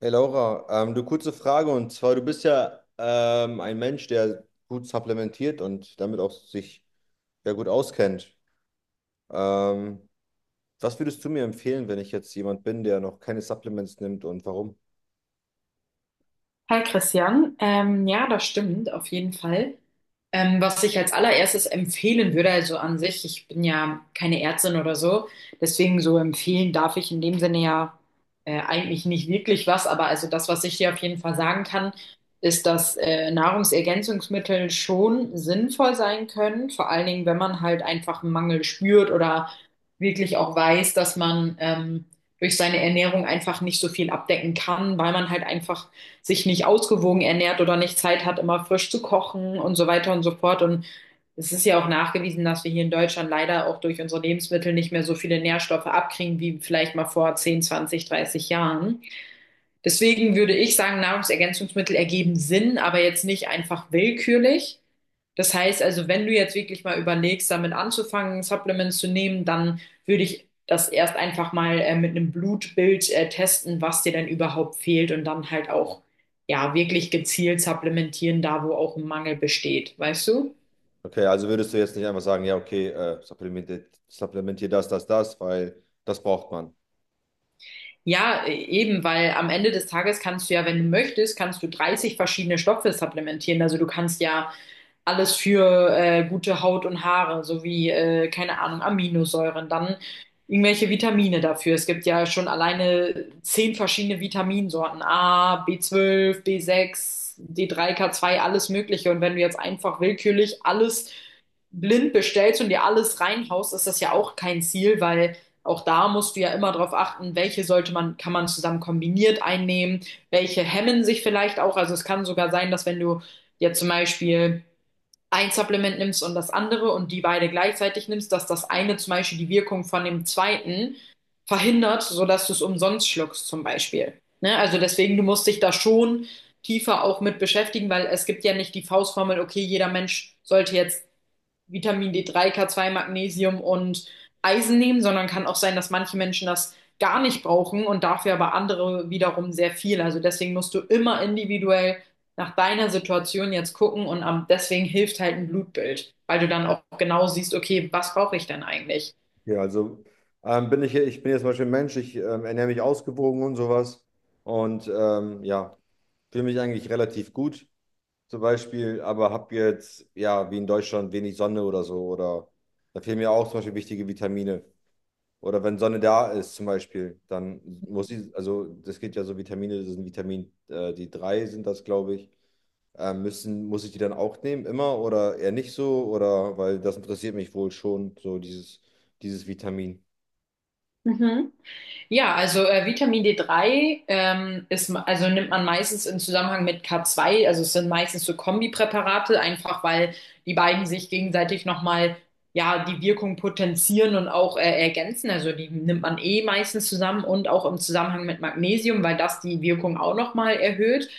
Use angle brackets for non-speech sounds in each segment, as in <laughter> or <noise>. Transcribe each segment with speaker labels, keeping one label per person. Speaker 1: Hey Laura, du kurze Frage und zwar, du bist ja ein Mensch, der gut supplementiert und damit auch sich ja gut auskennt. Ähm, Was würdest du mir empfehlen, wenn ich jetzt jemand bin, der noch keine Supplements nimmt und warum?
Speaker 2: Hi Christian, ja, das stimmt auf jeden Fall. Was ich als allererstes empfehlen würde, also an sich, ich bin ja keine Ärztin oder so, deswegen so empfehlen darf ich in dem Sinne ja eigentlich nicht wirklich was, aber also das, was ich dir auf jeden Fall sagen kann, ist, dass Nahrungsergänzungsmittel schon sinnvoll sein können, vor allen Dingen, wenn man halt einfach einen Mangel spürt oder wirklich auch weiß, dass man durch seine Ernährung einfach nicht so viel abdecken kann, weil man halt einfach sich nicht ausgewogen ernährt oder nicht Zeit hat, immer frisch zu kochen und so weiter und so fort. Und es ist ja auch nachgewiesen, dass wir hier in Deutschland leider auch durch unsere Lebensmittel nicht mehr so viele Nährstoffe abkriegen wie vielleicht mal vor 10, 20, 30 Jahren. Deswegen würde ich sagen, Nahrungsergänzungsmittel ergeben Sinn, aber jetzt nicht einfach willkürlich. Das heißt also, wenn du jetzt wirklich mal überlegst, damit anzufangen, Supplements zu nehmen, dann würde ich das erst einfach mal mit einem Blutbild testen, was dir denn überhaupt fehlt und dann halt auch ja wirklich gezielt supplementieren, da wo auch ein Mangel besteht, weißt du?
Speaker 1: Okay, also würdest du jetzt nicht einfach sagen, ja, okay, supplementiert, supplementier das, das, das, weil das braucht man.
Speaker 2: Ja, eben, weil am Ende des Tages kannst du ja, wenn du möchtest, kannst du 30 verschiedene Stoffe supplementieren. Also du kannst ja alles für gute Haut und Haare, sowie, keine Ahnung, Aminosäuren, dann irgendwelche Vitamine dafür. Es gibt ja schon alleine 10 verschiedene Vitaminsorten. A, B12, B6, D3, K2, alles Mögliche. Und wenn du jetzt einfach willkürlich alles blind bestellst und dir alles reinhaust, ist das ja auch kein Ziel, weil auch da musst du ja immer darauf achten, welche sollte man, kann man zusammen kombiniert einnehmen, welche hemmen sich vielleicht auch. Also es kann sogar sein, dass, wenn du jetzt zum Beispiel ein Supplement nimmst und das andere und die beide gleichzeitig nimmst, dass das eine zum Beispiel die Wirkung von dem zweiten verhindert, sodass du es umsonst schluckst zum Beispiel. Ne? Also deswegen, du musst dich da schon tiefer auch mit beschäftigen, weil es gibt ja nicht die Faustformel, okay, jeder Mensch sollte jetzt Vitamin D3, K2, Magnesium und Eisen nehmen, sondern kann auch sein, dass manche Menschen das gar nicht brauchen und dafür aber andere wiederum sehr viel. Also deswegen musst du immer individuell nach deiner Situation jetzt gucken und deswegen hilft halt ein Blutbild, weil du dann auch genau siehst, okay, was brauche ich denn eigentlich?
Speaker 1: Okay, also ich bin jetzt zum Beispiel ein Mensch, ich ernähre mich ausgewogen und sowas und ja, fühle mich eigentlich relativ gut. Zum Beispiel, aber habe jetzt, ja, wie in Deutschland, wenig Sonne oder so. Oder da fehlen mir auch zum Beispiel wichtige Vitamine. Oder wenn Sonne da ist, zum Beispiel, dann muss ich, also das geht ja so Vitamine, das sind Vitamin, die drei sind das, glaube ich. Muss ich die dann auch nehmen, immer oder eher nicht so? Oder weil das interessiert mich wohl schon, so dieses, dieses Vitamin.
Speaker 2: Mhm. Ja, also Vitamin D3, also nimmt man meistens im Zusammenhang mit K2, also es sind meistens so Kombipräparate, einfach weil die beiden sich gegenseitig nochmal, ja, die Wirkung potenzieren und auch ergänzen. Also die nimmt man eh meistens zusammen und auch im Zusammenhang mit Magnesium, weil das die Wirkung auch nochmal erhöht.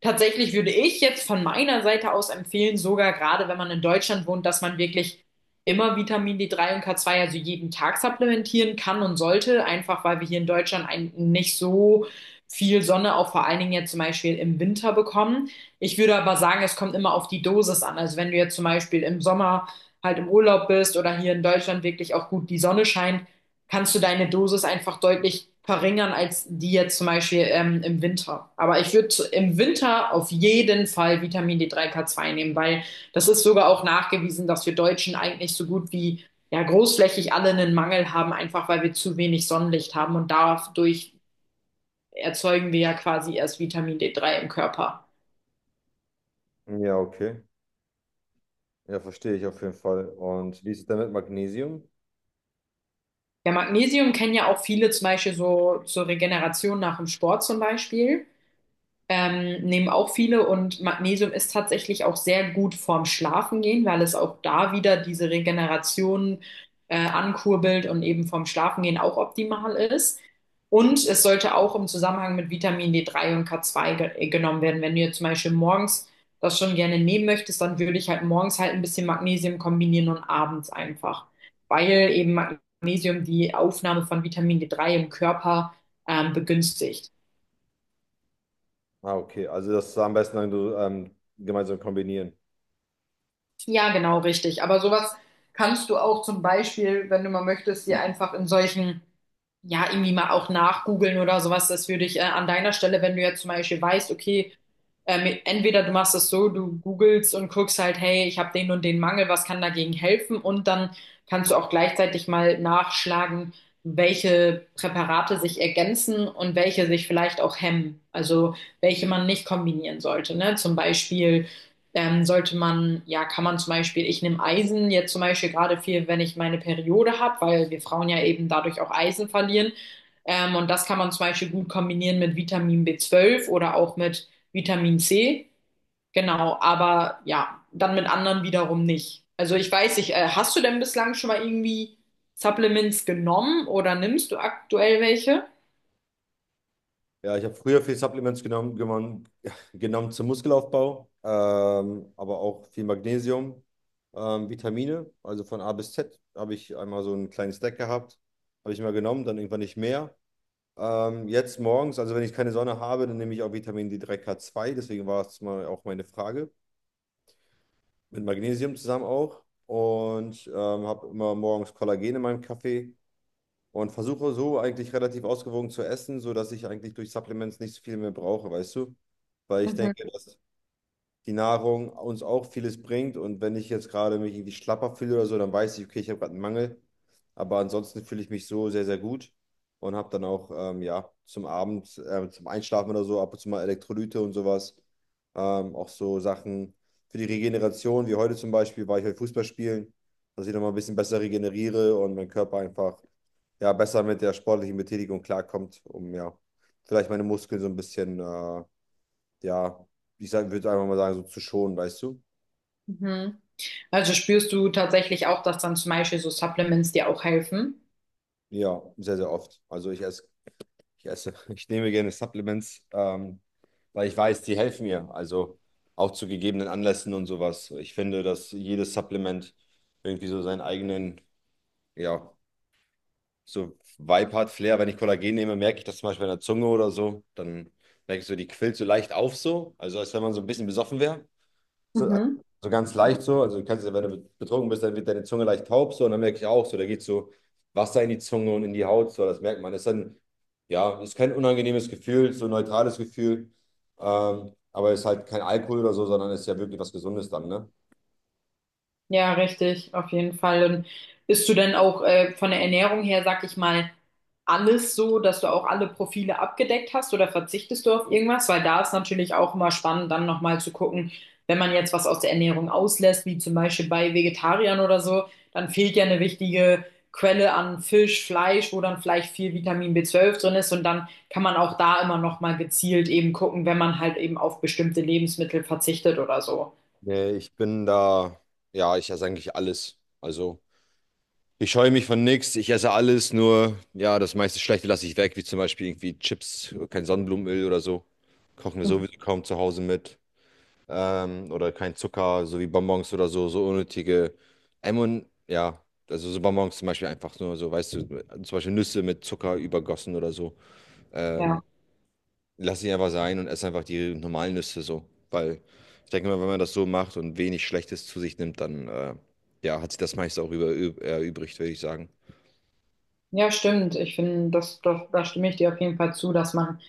Speaker 2: Tatsächlich würde ich jetzt von meiner Seite aus empfehlen, sogar gerade wenn man in Deutschland wohnt, dass man wirklich immer Vitamin D3 und K2, also jeden Tag, supplementieren kann und sollte, einfach weil wir hier in Deutschland nicht so viel Sonne, auch vor allen Dingen jetzt zum Beispiel im Winter, bekommen. Ich würde aber sagen, es kommt immer auf die Dosis an. Also wenn du jetzt zum Beispiel im Sommer halt im Urlaub bist oder hier in Deutschland wirklich auch gut die Sonne scheint, kannst du deine Dosis einfach deutlich verringern als die jetzt zum Beispiel im Winter. Aber ich würde im Winter auf jeden Fall Vitamin D3 K2 nehmen, weil das ist sogar auch nachgewiesen, dass wir Deutschen eigentlich so gut wie ja großflächig alle einen Mangel haben, einfach weil wir zu wenig Sonnenlicht haben und dadurch erzeugen wir ja quasi erst Vitamin D3 im Körper.
Speaker 1: Ja, okay. Ja, verstehe ich auf jeden Fall. Und wie ist es denn mit Magnesium?
Speaker 2: Ja, Magnesium kennen ja auch viele zum Beispiel so zur Regeneration nach dem Sport zum Beispiel. Nehmen auch viele und Magnesium ist tatsächlich auch sehr gut vorm Schlafengehen, weil es auch da wieder diese Regeneration ankurbelt und eben vorm Schlafengehen auch optimal ist. Und es sollte auch im Zusammenhang mit Vitamin D3 und K2 ge genommen werden. Wenn du jetzt zum Beispiel morgens das schon gerne nehmen möchtest, dann würde ich halt morgens halt ein bisschen Magnesium kombinieren und abends einfach, weil eben Magnesium die Aufnahme von Vitamin D3 im Körper begünstigt.
Speaker 1: Ah, okay. Also das am besten dann so, gemeinsam kombinieren.
Speaker 2: Ja, genau, richtig. Aber sowas kannst du auch zum Beispiel, wenn du mal möchtest, dir einfach in solchen, ja, irgendwie mal auch nachgoogeln oder sowas. Das würde ich an deiner Stelle, wenn du jetzt zum Beispiel weißt, okay, entweder du machst es so, du googelst und guckst halt, hey, ich habe den und den Mangel, was kann dagegen helfen? Und dann kannst du auch gleichzeitig mal nachschlagen, welche Präparate sich ergänzen und welche sich vielleicht auch hemmen. Also welche man nicht kombinieren sollte, ne? Zum Beispiel sollte man, ja, kann man zum Beispiel, ich nehme Eisen jetzt zum Beispiel gerade viel, wenn ich meine Periode habe, weil wir Frauen ja eben dadurch auch Eisen verlieren. Und das kann man zum Beispiel gut kombinieren mit Vitamin B12 oder auch mit Vitamin C. Genau, aber ja, dann mit anderen wiederum nicht. Also ich weiß nicht, hast du denn bislang schon mal irgendwie Supplements genommen oder nimmst du aktuell welche?
Speaker 1: Ja, ich habe früher viel Supplements genommen, <laughs> genommen zum Muskelaufbau, aber auch viel Magnesium, Vitamine, also von A bis Z habe ich einmal so einen kleinen Stack gehabt, habe ich mal genommen, dann irgendwann nicht mehr. Jetzt morgens, also wenn ich keine Sonne habe, dann nehme ich auch Vitamin D3K2, deswegen war es mal auch meine Frage, mit Magnesium zusammen auch und habe immer morgens Kollagen in meinem Kaffee und versuche so eigentlich relativ ausgewogen zu essen, sodass ich eigentlich durch Supplements nicht so viel mehr brauche, weißt du? Weil ich
Speaker 2: Mhm.
Speaker 1: denke, dass die Nahrung uns auch vieles bringt, und wenn ich jetzt gerade mich irgendwie schlapper fühle oder so, dann weiß ich, okay, ich habe gerade einen Mangel. Aber ansonsten fühle ich mich so sehr, sehr gut und habe dann auch ja, zum Abend, zum Einschlafen oder so ab und zu mal Elektrolyte und sowas. Auch so Sachen für die Regeneration, wie heute zum Beispiel, war ich heute Fußball spielen, dass ich nochmal ein bisschen besser regeneriere und mein Körper einfach ja, besser mit der sportlichen Betätigung klarkommt, um ja, vielleicht meine Muskeln so ein bisschen, ja, ich würde einfach mal sagen, so zu schonen, weißt du?
Speaker 2: Mhm. Also spürst du tatsächlich auch, dass dann zum Beispiel so Supplements dir auch helfen?
Speaker 1: Ja, sehr, sehr oft. Also ich esse, <laughs> ich nehme gerne Supplements, weil ich weiß, die helfen mir. Also auch zu gegebenen Anlässen und sowas. Ich finde, dass jedes Supplement irgendwie so seinen eigenen, ja, so Vibe hat, Flair. Wenn ich Kollagen nehme, merke ich das zum Beispiel an der Zunge oder so. Dann merke ich so, die quillt so leicht auf so. Also als wenn man so ein bisschen besoffen wäre. So,
Speaker 2: Mhm.
Speaker 1: so ganz leicht so. Also du kannst ja, wenn du betrunken bist, dann wird deine Zunge leicht taub so, und dann merke ich auch so, da geht so Wasser in die Zunge und in die Haut so, das merkt man. Das ist dann, ja, ist kein unangenehmes Gefühl, so ein neutrales Gefühl. Aber ist halt kein Alkohol oder so, sondern ist ja wirklich was Gesundes dann, ne?
Speaker 2: Ja, richtig, auf jeden Fall. Und isst du denn auch von der Ernährung her, sag ich mal, alles so, dass du auch alle Profile abgedeckt hast oder verzichtest du auf irgendwas? Weil da ist natürlich auch immer spannend, dann nochmal zu gucken, wenn man jetzt was aus der Ernährung auslässt, wie zum Beispiel bei Vegetariern oder so, dann fehlt ja eine wichtige Quelle an Fisch, Fleisch, wo dann vielleicht viel Vitamin B12 drin ist und dann kann man auch da immer nochmal gezielt eben gucken, wenn man halt eben auf bestimmte Lebensmittel verzichtet oder so.
Speaker 1: Nee, ich bin da, ja, ich esse eigentlich alles. Also ich scheue mich von nichts, ich esse alles, nur ja, das meiste Schlechte lasse ich weg, wie zum Beispiel irgendwie Chips, kein Sonnenblumenöl oder so. Kochen wir
Speaker 2: Mhm.
Speaker 1: sowieso kaum zu Hause mit. Ähm, oder kein Zucker, so wie Bonbons oder so, so unnötige M ja, also so Bonbons zum Beispiel einfach nur so, weißt du, zum Beispiel Nüsse mit Zucker übergossen oder so. Ähm,
Speaker 2: Ja.
Speaker 1: Lass sie einfach sein und ess einfach die normalen Nüsse so, weil ich denke mal, wenn man das so macht und wenig Schlechtes zu sich nimmt, dann ja, hat sich das meiste auch erübrigt, würde ich sagen.
Speaker 2: Ja, stimmt. Ich finde, da stimme ich dir auf jeden Fall zu, dass man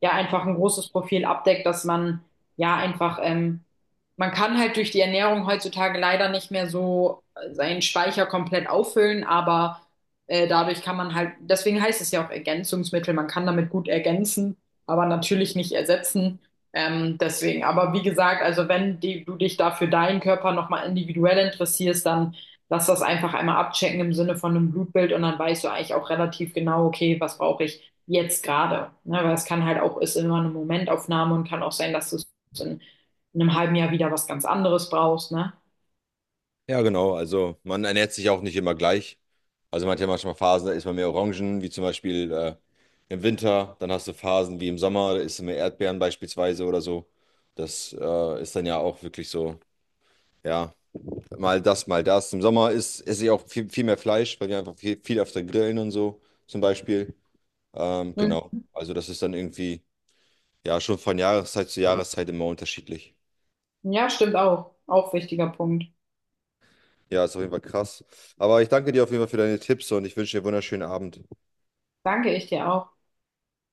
Speaker 2: ja einfach ein großes Profil abdeckt, dass man ja einfach, man kann halt durch die Ernährung heutzutage leider nicht mehr so seinen Speicher komplett auffüllen, aber dadurch kann man halt, deswegen heißt es ja auch Ergänzungsmittel, man kann damit gut ergänzen, aber natürlich nicht ersetzen. Deswegen, aber wie gesagt, also wenn die, du dich da für deinen Körper nochmal individuell interessierst, dann lass das einfach einmal abchecken im Sinne von einem Blutbild und dann weißt du eigentlich auch relativ genau, okay, was brauche ich jetzt gerade. Ne? Weil es kann halt auch, ist immer eine Momentaufnahme und kann auch sein, dass du es in, einem halben Jahr wieder was ganz anderes brauchst. Ne?
Speaker 1: Ja, genau, also man ernährt sich auch nicht immer gleich. Also man hat ja manchmal Phasen, da isst man mehr Orangen, wie zum Beispiel im Winter. Dann hast du Phasen wie im Sommer, da isst du mehr Erdbeeren beispielsweise oder so. Das ist dann ja auch wirklich so, ja, mal das, mal das. Im Sommer ist, esse ich auch viel, viel mehr Fleisch, weil wir einfach viel, viel öfter grillen und so zum Beispiel.
Speaker 2: Hm.
Speaker 1: Genau. Also das ist dann irgendwie, ja, schon von Jahreszeit zu Jahreszeit immer unterschiedlich.
Speaker 2: Ja, stimmt auch. Auch wichtiger Punkt.
Speaker 1: Ja, ist auf jeden Fall krass. Aber ich danke dir auf jeden Fall für deine Tipps und ich wünsche dir einen wunderschönen Abend.
Speaker 2: Danke ich dir auch.